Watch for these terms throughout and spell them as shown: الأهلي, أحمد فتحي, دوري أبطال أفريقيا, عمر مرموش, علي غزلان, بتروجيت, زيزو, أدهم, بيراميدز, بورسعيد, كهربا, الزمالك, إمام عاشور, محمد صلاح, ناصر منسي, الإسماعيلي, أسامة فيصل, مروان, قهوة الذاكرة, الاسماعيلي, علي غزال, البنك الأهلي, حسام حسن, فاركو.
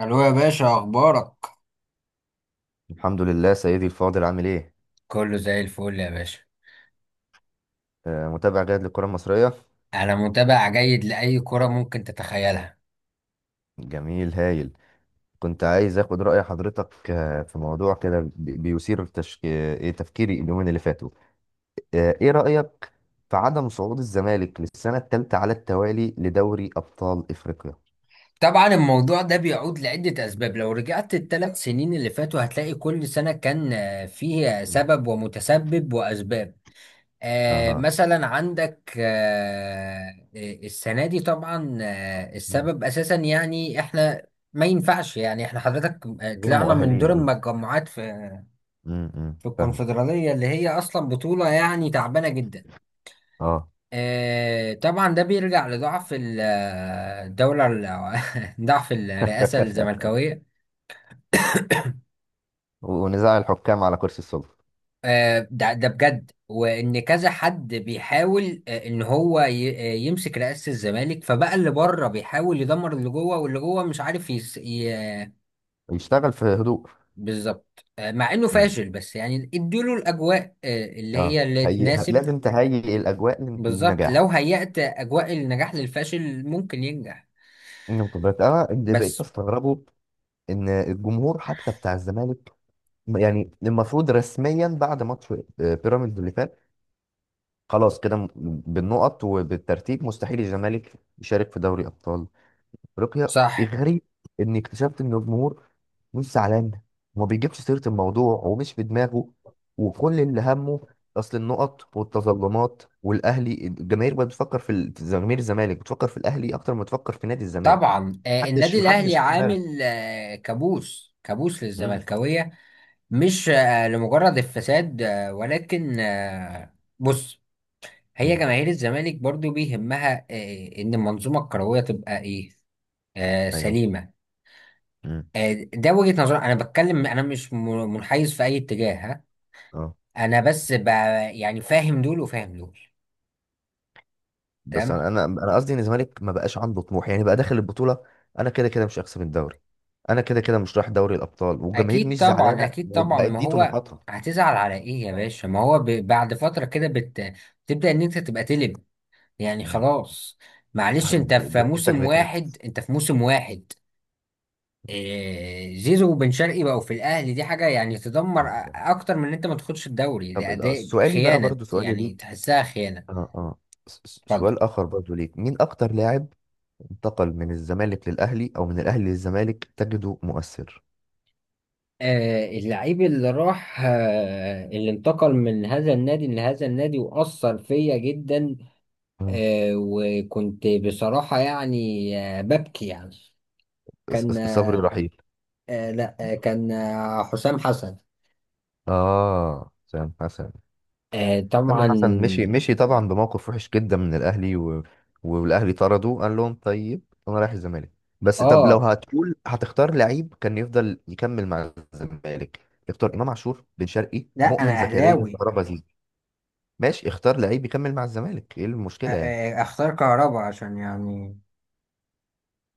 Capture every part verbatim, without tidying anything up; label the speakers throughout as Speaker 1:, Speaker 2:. Speaker 1: الو يا باشا، اخبارك؟
Speaker 2: الحمد لله سيدي الفاضل، عامل ايه؟
Speaker 1: كله زي الفل يا باشا.
Speaker 2: آه، متابع جيد للكرة المصرية.
Speaker 1: أنا متابع جيد لأي كرة ممكن تتخيلها.
Speaker 2: جميل، هايل. كنت عايز اخد رأي حضرتك آه، في موضوع كده بي- بيثير تشك... آه، إيه تفكيري اليومين اللي فاتوا. آه، ايه رأيك في عدم صعود الزمالك للسنة الثالثة على التوالي لدوري أبطال أفريقيا؟
Speaker 1: طبعا الموضوع ده بيعود لعدة أسباب. لو رجعت الثلاث سنين اللي فاتوا هتلاقي كل سنة كان آه، فيه
Speaker 2: مم.
Speaker 1: سبب ومتسبب وأسباب. آه
Speaker 2: اها.
Speaker 1: مثلا عندك آه السنة دي طبعا آه
Speaker 2: مم.
Speaker 1: السبب أساسا، يعني إحنا ما ينفعش، يعني إحنا حضرتك آه،
Speaker 2: غير
Speaker 1: طلعنا من دور
Speaker 2: مؤهلين، قصدي.
Speaker 1: المجموعات في
Speaker 2: أمم، أمم،
Speaker 1: في
Speaker 2: فاهمك.
Speaker 1: الكونفدرالية اللي هي أصلا بطولة يعني تعبانة جدا.
Speaker 2: اه.
Speaker 1: آه، طبعا ده بيرجع لضعف ال- آه، الدولة ال- ضعف الرئاسة الزملكاوية.
Speaker 2: ونزاع الحكام على كرسي السلطة.
Speaker 1: آه، ده ده بجد، وإن كذا حد بيحاول، آه، إن هو ي- آه، يمسك رئاسة الزمالك، فبقى اللي بره بيحاول يدمر اللي جوه، واللي جوه مش عارف يس... ي... آه،
Speaker 2: يشتغل في هدوء.
Speaker 1: بالظبط. آه، مع إنه
Speaker 2: أمم،
Speaker 1: فاشل بس يعني اديله الأجواء آه، اللي
Speaker 2: اه،
Speaker 1: هي اللي
Speaker 2: هي...
Speaker 1: تناسب.
Speaker 2: لازم تهيئ الأجواء
Speaker 1: بالظبط.
Speaker 2: للنجاح.
Speaker 1: لو هيأت أجواء النجاح للفاشل ممكن ينجح.
Speaker 2: نقطة، بس أنا اللي بقيت
Speaker 1: بس.
Speaker 2: أستغربه إن الجمهور حتى بتاع الزمالك. يعني المفروض رسميا بعد ماتش آه، بيراميدز اللي فات، خلاص كده م- بالنقط وبالترتيب مستحيل الزمالك يشارك في دوري أبطال أفريقيا.
Speaker 1: صح.
Speaker 2: الغريب إني اكتشفت إن الجمهور مش زعلان، وما بيجيبش سيرة الموضوع ومش في دماغه، وكل اللي همه أصل النقط والتظلمات والأهلي. الجماهير بقت بتفكر في ال- في جماهير الزمالك، بتفكر في الأهلي أكتر ما بتفكر في نادي الزمالك.
Speaker 1: طبعا آه،
Speaker 2: محدش
Speaker 1: النادي الاهلي
Speaker 2: محدش خد باله.
Speaker 1: عامل آه، كابوس كابوس
Speaker 2: مم.
Speaker 1: للزملكاويه. مش آه، لمجرد الفساد، آه، ولكن آه، بص. هي
Speaker 2: مم.
Speaker 1: جماهير الزمالك برضو بيهمها، آه، ان المنظومه الكرويه تبقى ايه، آه،
Speaker 2: ايوه.
Speaker 1: سليمه.
Speaker 2: مم.
Speaker 1: آه، ده وجهه نظر. انا بتكلم، انا مش م- منحيز في اي اتجاه، ها؟
Speaker 2: اه.
Speaker 1: انا بس ب- يعني فاهم دول وفاهم دول.
Speaker 2: بس انا
Speaker 1: تمام.
Speaker 2: انا انا قصدي ان الزمالك ما بقاش عنده طموح، يعني بقى داخل البطوله. انا كده كده مش هكسب الدوري. انا كده كده مش رايح دوري الابطال، والجماهير
Speaker 1: اكيد
Speaker 2: مش
Speaker 1: طبعا،
Speaker 2: زعلانه،
Speaker 1: اكيد طبعا،
Speaker 2: وبقت
Speaker 1: ما
Speaker 2: دي
Speaker 1: هو
Speaker 2: طموحاتها.
Speaker 1: هتزعل على ايه يا باشا؟ ما هو ب... بعد فتره كده بت... بتبدا ان انت تبقى تلب. يعني
Speaker 2: مم.
Speaker 1: خلاص. معلش، انت
Speaker 2: ج-
Speaker 1: في
Speaker 2: جتتك
Speaker 1: موسم
Speaker 2: بتنحى.
Speaker 1: واحد، انت في موسم واحد. إيه... زيزو وبن شرقي بقوا في الاهلي، دي حاجه يعني تدمر أ- اكتر من ان انت ما تاخدش الدوري.
Speaker 2: طب
Speaker 1: ده
Speaker 2: آه،
Speaker 1: اداء
Speaker 2: سؤالي بقى،
Speaker 1: خيانه،
Speaker 2: برضو سؤالي
Speaker 1: يعني
Speaker 2: ليك.
Speaker 1: تحسها خيانه.
Speaker 2: اه، اه. س- س-
Speaker 1: اتفضل.
Speaker 2: سؤال اخر برضو ليك، مين اكتر لاعب انتقل من الزمالك للاهلي او من الاهلي للزمالك تجده مؤثر؟
Speaker 1: آه اللعيب اللي راح، آه اللي انتقل من هذا النادي لهذا النادي وأثر فيا جدا.
Speaker 2: مم.
Speaker 1: آه، وكنت بصراحة يعني آه، ببكي يعني.
Speaker 2: ص-
Speaker 1: كان
Speaker 2: ص- صبري
Speaker 1: آه،
Speaker 2: رحيل.
Speaker 1: لا. آه، كان آه، حسام حسن.
Speaker 2: اه، سام حسن.
Speaker 1: آه،
Speaker 2: تامر
Speaker 1: طبعا.
Speaker 2: حسن مشي مشي طبعا بموقف وحش جدا من الاهلي و... والاهلي طرده، قال لهم طيب، انا رايح الزمالك. بس طب لو
Speaker 1: اه.
Speaker 2: هتقول هتختار لعيب كان يفضل يكمل مع الزمالك، اختار امام عاشور، بن شرقي،
Speaker 1: لا، انا
Speaker 2: مؤمن زكريا،
Speaker 1: اهلاوي.
Speaker 2: كهربا، زيزو. ماشي، اختار لعيب يكمل مع الزمالك، ايه
Speaker 1: أ-
Speaker 2: المشكله يعني؟
Speaker 1: أ- اختار كهربا عشان يعني.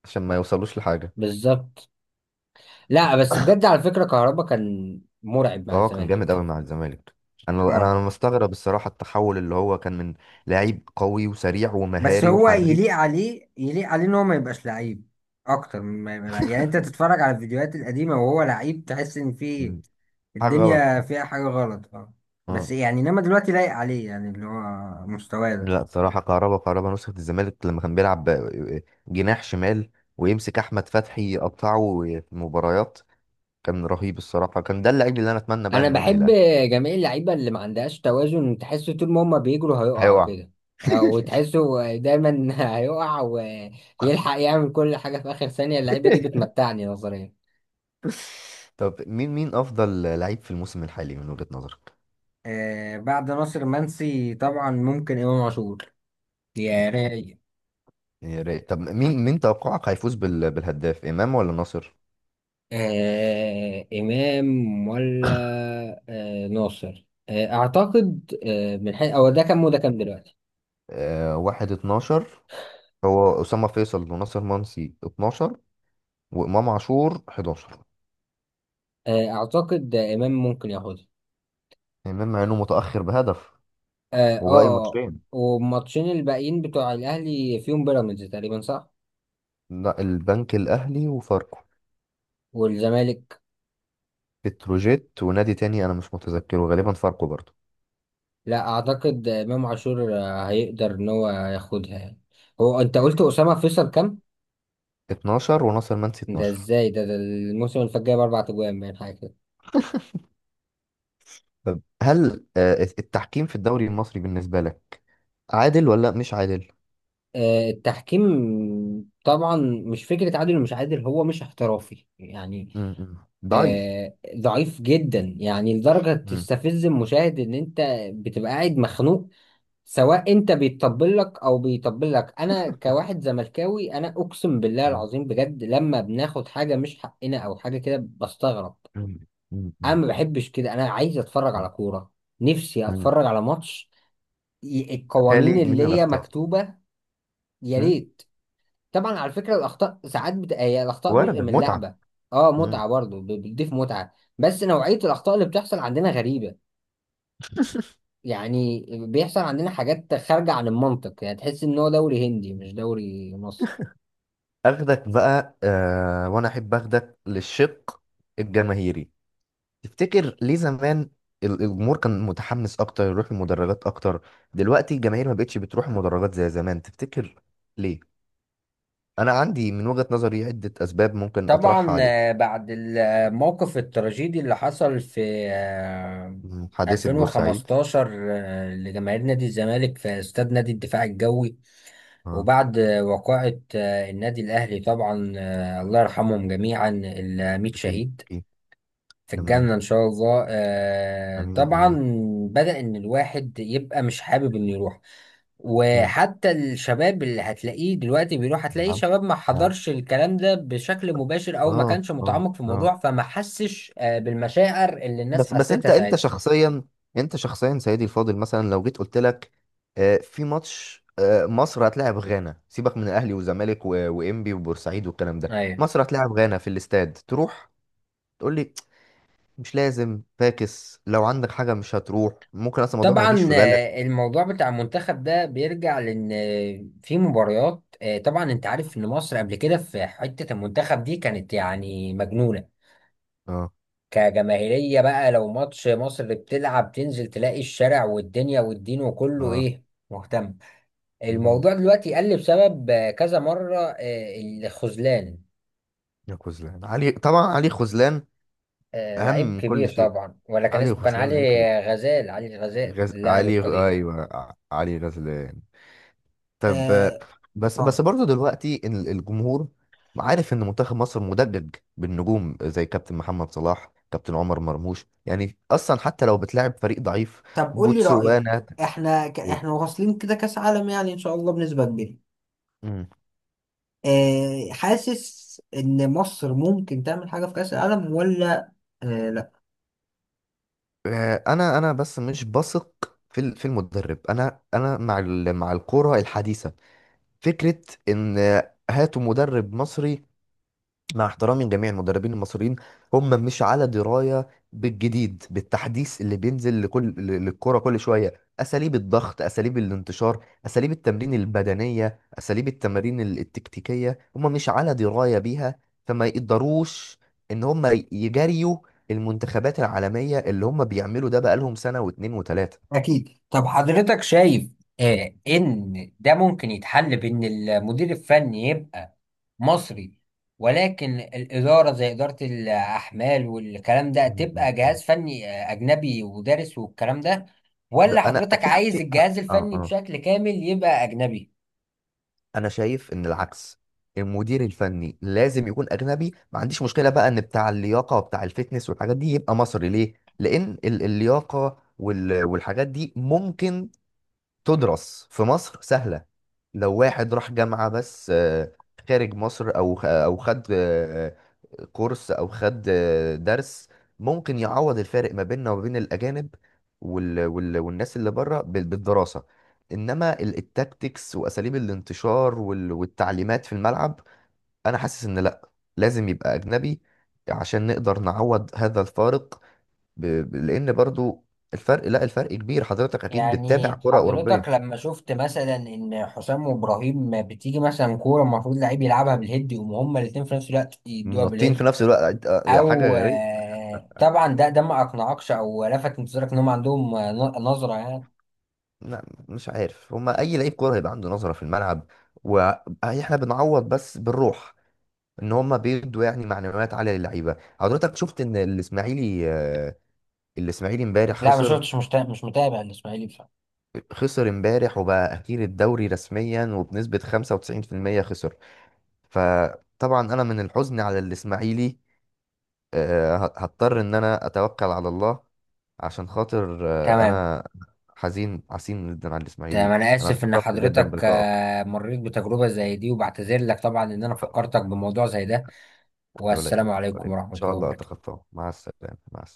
Speaker 2: عشان ما يوصلوش لحاجه.
Speaker 1: بالظبط. لا، بس بجد، على فكرة كهربا كان مرعب مع
Speaker 2: اه كان جامد قوي
Speaker 1: الزمالك.
Speaker 2: مع الزمالك. انا انا
Speaker 1: اه.
Speaker 2: أنا مستغرب الصراحه التحول اللي هو كان من لعيب قوي وسريع
Speaker 1: بس
Speaker 2: ومهاري
Speaker 1: هو
Speaker 2: وحريف.
Speaker 1: يليق عليه، يليق عليه ان هو ما يبقاش لعيب اكتر من ما يبقى لعيب. يعني انت تتفرج على الفيديوهات القديمه وهو لعيب، تحس ان في
Speaker 2: مم. حاجه غلط.
Speaker 1: الدنيا فيها حاجه غلط. اه. بس
Speaker 2: اه.
Speaker 1: يعني انما دلوقتي لايق عليه، يعني اللي هو مستواه ده.
Speaker 2: لا، بصراحة كهربا كهربا نسخة الزمالك، لما كان بيلعب ب- جناح شمال ويمسك أحمد فتحي يقطعه في مباريات كان رهيب الصراحة. كان ده اللعيب اللي أنا أتمنى بقى
Speaker 1: انا
Speaker 2: إنه يجري
Speaker 1: بحب
Speaker 2: الأهلي.
Speaker 1: جميع اللعيبه اللي ما عندهاش توازن، تحس طول ما هما بيجروا هيقعوا
Speaker 2: هيقع.
Speaker 1: كده، او تحسه دايما هيقع ويلحق يعمل كل حاجه في اخر ثانيه. اللعيبه دي بتمتعني نظريا.
Speaker 2: طب مين مين أفضل لعيب في الموسم الحالي من وجهة نظرك؟
Speaker 1: آه بعد ناصر منسي طبعا ممكن امام عاشور، يا راي.
Speaker 2: يعني يا ريت. طب مين مين توقعك هيفوز بال- بالهداف، إمام ولا ناصر؟
Speaker 1: آه إمام ولا آه ناصر؟ آه أعتقد آه من حيث، أو ده كام وده كام دلوقتي؟
Speaker 2: آه، واحد اتناشر. هو أسامة فيصل وناصر منسي اتناشر، وإمام عاشور حداشر.
Speaker 1: آه أعتقد آه إمام ممكن ياخدها.
Speaker 2: إمام مع إنه متأخر بهدف
Speaker 1: آه
Speaker 2: وباقي
Speaker 1: آه
Speaker 2: ماتشين.
Speaker 1: والماتشين الباقيين بتوع الأهلي فيهم بيراميدز تقريبا، صح؟
Speaker 2: لا، البنك الأهلي وفاركو.
Speaker 1: والزمالك.
Speaker 2: بتروجيت ونادي تاني أنا مش متذكره، غالبا فاركو برضه.
Speaker 1: لا أعتقد، آه، إمام عاشور آه، هيقدر إن هو ياخدها يعني. هو أنت قلت أسامة فيصل كام؟
Speaker 2: اتناشر، وناصر منسي
Speaker 1: ده
Speaker 2: اثنا عشر.
Speaker 1: إزاي ده؟ ده الموسم اللي فات جايب أربع أجوان، باين حاجة كده.
Speaker 2: طب هل آه، التحكيم في الدوري المصري بالنسبة لك عادل ولا مش عادل؟
Speaker 1: آه، التحكيم طبعا مش فكرة عادل ومش عادل، هو مش احترافي يعني.
Speaker 2: م- م. ضعيف.
Speaker 1: آه ضعيف جدا، يعني لدرجة
Speaker 2: م-
Speaker 1: تستفز المشاهد ان انت بتبقى قاعد مخنوق. سواء انت بيتطبل لك او بيطبل لك، انا كواحد زملكاوي، انا اقسم بالله
Speaker 2: م-
Speaker 1: العظيم بجد لما بناخد حاجة مش حقنا او حاجة كده بستغرب.
Speaker 2: م-
Speaker 1: انا
Speaker 2: م-
Speaker 1: ما بحبش كده، انا عايز اتفرج
Speaker 2: م-
Speaker 1: على كورة. نفسي
Speaker 2: م.
Speaker 1: اتفرج على ماتش. ي- القوانين
Speaker 2: خالي من
Speaker 1: اللي هي
Speaker 2: الأخطاء.
Speaker 1: مكتوبة. يا
Speaker 2: م.
Speaker 1: ريت. طبعا على فكرة، الأخطاء ساعات بت... هي الأخطاء جزء
Speaker 2: وردة
Speaker 1: من
Speaker 2: متعة.
Speaker 1: اللعبة. اه،
Speaker 2: م.
Speaker 1: متعة برضه، ب- بتضيف متعة. بس نوعية الأخطاء اللي بتحصل عندنا غريبة. يعني بيحصل عندنا حاجات خارجة عن المنطق، يعني تحس إن هو دوري هندي مش دوري مصري.
Speaker 2: أخدك بقى آه، وأنا أحب أخدك للشق الجماهيري. تفتكر ليه زمان ال- الجمهور كان متحمس اكتر، يروح المدرجات اكتر؟ دلوقتي الجماهير ما بقتش بتروح المدرجات زي زمان، تفتكر ليه؟ انا عندي من وجهة نظري عدة اسباب ممكن اطرحها
Speaker 1: طبعا
Speaker 2: عليك.
Speaker 1: آه، بعد الموقف التراجيدي اللي حصل في آه،
Speaker 2: مم، حادثة بورسعيد.
Speaker 1: ألفين وخمستاشر آه، لجماهير نادي الزمالك في استاد نادي الدفاع الجوي،
Speaker 2: اه.
Speaker 1: وبعد آه، وقائع آه، النادي الأهلي. طبعا آه، الله يرحمهم جميعا، الميت
Speaker 2: اكيد،
Speaker 1: شهيد
Speaker 2: اكيد.
Speaker 1: في
Speaker 2: تمام.
Speaker 1: الجنة إن شاء الله. آه
Speaker 2: امين،
Speaker 1: طبعا
Speaker 2: امين.
Speaker 1: بدأ إن الواحد يبقى مش حابب إنه يروح.
Speaker 2: مم،
Speaker 1: وحتى الشباب اللي هتلاقيه دلوقتي بيروح، هتلاقيه
Speaker 2: نعم.
Speaker 1: شباب ما
Speaker 2: نعم.
Speaker 1: حضرش الكلام ده بشكل مباشر أو ما
Speaker 2: اه،
Speaker 1: كانش
Speaker 2: اه،
Speaker 1: متعمق في
Speaker 2: اه.
Speaker 1: الموضوع، فما حسش آه بالمشاعر اللي الناس
Speaker 2: بس بس انت
Speaker 1: حسيتها
Speaker 2: انت
Speaker 1: ساعتها.
Speaker 2: شخصيا، انت شخصيا سيدي الفاضل، مثلا لو جيت قلت لك آه، في ماتش آه، مصر هتلاعب غانا، سيبك من الاهلي والزمالك و- وانبي وبورسعيد والكلام ده.
Speaker 1: أيوه.
Speaker 2: مصر هتلاعب غانا في الاستاد، تروح تقول لي مش لازم فاكس؟ لو عندك حاجه مش هتروح، ممكن اصلا الموضوع ما يجيش
Speaker 1: طبعا
Speaker 2: في بالك.
Speaker 1: آه، الموضوع بتاع المنتخب ده بيرجع لأن آه، في مباريات. آه، طبعا أنت عارف إن مصر قبل كده في حتة المنتخب دي كانت يعني مجنونة
Speaker 2: اه،
Speaker 1: كجماهيرية. بقى لو ماتش مصر بتلعب تنزل تلاقي الشارع والدنيا والدين وكله،
Speaker 2: اه.
Speaker 1: ايه، مهتم.
Speaker 2: مهم.
Speaker 1: الموضوع دلوقتي قل بسبب آه، كذا مرة آه، الخذلان.
Speaker 2: يا خذلان علي، طبعا علي خذلان.
Speaker 1: آه،
Speaker 2: اهم
Speaker 1: لعيب
Speaker 2: من كل
Speaker 1: كبير
Speaker 2: شيء.
Speaker 1: طبعا، ولا كان
Speaker 2: علي
Speaker 1: اسمه؟ كان
Speaker 2: خذلان
Speaker 1: علي
Speaker 2: لعيب كبير.
Speaker 1: غزال، علي غزال
Speaker 2: غز...
Speaker 1: اللاعب
Speaker 2: علي.
Speaker 1: القدير.
Speaker 2: ايوه، ع- علي غزلان. طب آه،
Speaker 1: آه
Speaker 2: بس بس
Speaker 1: طب
Speaker 2: برضه دلوقتي ال- الجمهور عارف ان منتخب مصر مدجج بالنجوم زي كابتن محمد صلاح، كابتن عمر مرموش. يعني اصلا حتى لو بتلاعب فريق ضعيف،
Speaker 1: طب قول لي رأيك.
Speaker 2: بوتسوانا.
Speaker 1: احنا ك...
Speaker 2: تقول-
Speaker 1: احنا واصلين كده كأس عالم، يعني ان شاء الله بنسبة كبيرة.
Speaker 2: مم.
Speaker 1: آه حاسس ان مصر ممكن تعمل حاجة في كأس العالم، ولا؟ آه
Speaker 2: آه، انا انا بس مش بثق في ال- في المدرب. انا انا مع ال- مع الكرة الحديثة. فكرة ان آه، هاتوا مدرب مصري، مع احترامي لجميع المدربين المصريين، هم مش على درايه بالجديد، بالتحديث اللي بينزل لكل للكره كل شويه، اساليب الضغط، اساليب الانتشار، اساليب التمرين البدنيه، اساليب التمارين ال- التكتيكيه، هم مش على درايه بيها. فما يقدروش ان هم يجاريوا المنتخبات العالميه، اللي هم بيعملوا ده بقالهم سنه واتنين وتلاته.
Speaker 1: أكيد. طب حضرتك شايف آه إن ده ممكن يتحل بإن المدير الفني يبقى مصري، ولكن الإدارة زي إدارة الأحمال والكلام ده
Speaker 2: م- م-
Speaker 1: تبقى
Speaker 2: م.
Speaker 1: جهاز فني آه، أجنبي ودارس والكلام ده؟
Speaker 2: ده
Speaker 1: ولا
Speaker 2: انا
Speaker 1: حضرتك
Speaker 2: في ح-
Speaker 1: عايز
Speaker 2: في اه
Speaker 1: الجهاز الفني
Speaker 2: اه
Speaker 1: بشكل كامل يبقى أجنبي؟
Speaker 2: انا شايف ان العكس. المدير الفني لازم يكون اجنبي. ما عنديش مشكله بقى ان بتاع اللياقه وبتاع الفتنس والحاجات دي يبقى مصري. ليه؟ لان ال- اللياقه وال- والحاجات دي ممكن تدرس في مصر سهلة. لو واحد راح جامعة بس آه، خارج مصر، أو خ- أو خد آه، كورس، أو خد آه، درس، ممكن يعوض الفارق ما بيننا وما بين الأجانب وال وال والناس اللي بره بال- بالدراسة. إنما ال- التاكتكس، وأساليب الانتشار وال- والتعليمات في الملعب، أنا حاسس إن لأ، لازم يبقى أجنبي عشان نقدر نعوض هذا الفارق. ب- ب- لأن برضو الفرق، لا الفرق كبير. حضرتك أكيد بتتابع
Speaker 1: يعني
Speaker 2: كرة
Speaker 1: حضرتك
Speaker 2: أوروبية.
Speaker 1: لما شفت مثلا إن حسام وإبراهيم بتيجي مثلا كورة المفروض لعيب يلعبها بالهيد، يقوموا هما الاتنين في نفس الوقت يدوها
Speaker 2: منطين في
Speaker 1: بالهيد.
Speaker 2: نفس الوقت، آه، يا
Speaker 1: او
Speaker 2: حاجه غريبه.
Speaker 1: آه، طبعا ده ده ما اقنعكش؟ او لفت انتظارك ان هم عندهم آه، ن- نظره يعني؟
Speaker 2: لا، مش عارف هما اي لعيب كوره هيبقى عنده نظره في الملعب، واحنا بنعوض بس بالروح، ان هما بيدوا يعني معنويات عاليه للعيبه. حضرتك شفت ان الاسماعيلي آه، الاسماعيلي امبارح
Speaker 1: لا، ما
Speaker 2: خسر.
Speaker 1: شفتش، مش تا- مش متابع الاسماعيلي بصراحه.
Speaker 2: خسر امبارح وبقى اخير الدوري رسميا، وبنسبه خمسة وتسعين في المية خسر. فطبعا انا من الحزن على الاسماعيلي آه، ه- هضطر ان انا اتوكل على الله، عشان خاطر آه،
Speaker 1: تمام.
Speaker 2: انا حزين عسين جدا على
Speaker 1: تمام.
Speaker 2: الاسماعيلي.
Speaker 1: انا
Speaker 2: انا
Speaker 1: اسف ان
Speaker 2: اتشرفت جدا
Speaker 1: حضرتك
Speaker 2: بلقائك
Speaker 1: آه، مريت بتجربه زي دي، وبعتذر لك طبعا ان انا
Speaker 2: ف...
Speaker 1: فكرتك بموضوع زي ده.
Speaker 2: ولا
Speaker 1: والسلام
Speaker 2: يهمك، ولا
Speaker 1: عليكم
Speaker 2: يهمك. ان
Speaker 1: ورحمه
Speaker 2: شاء
Speaker 1: الله
Speaker 2: الله
Speaker 1: وبركاته.
Speaker 2: اتخطاه. مع السلامه، مع السلامه.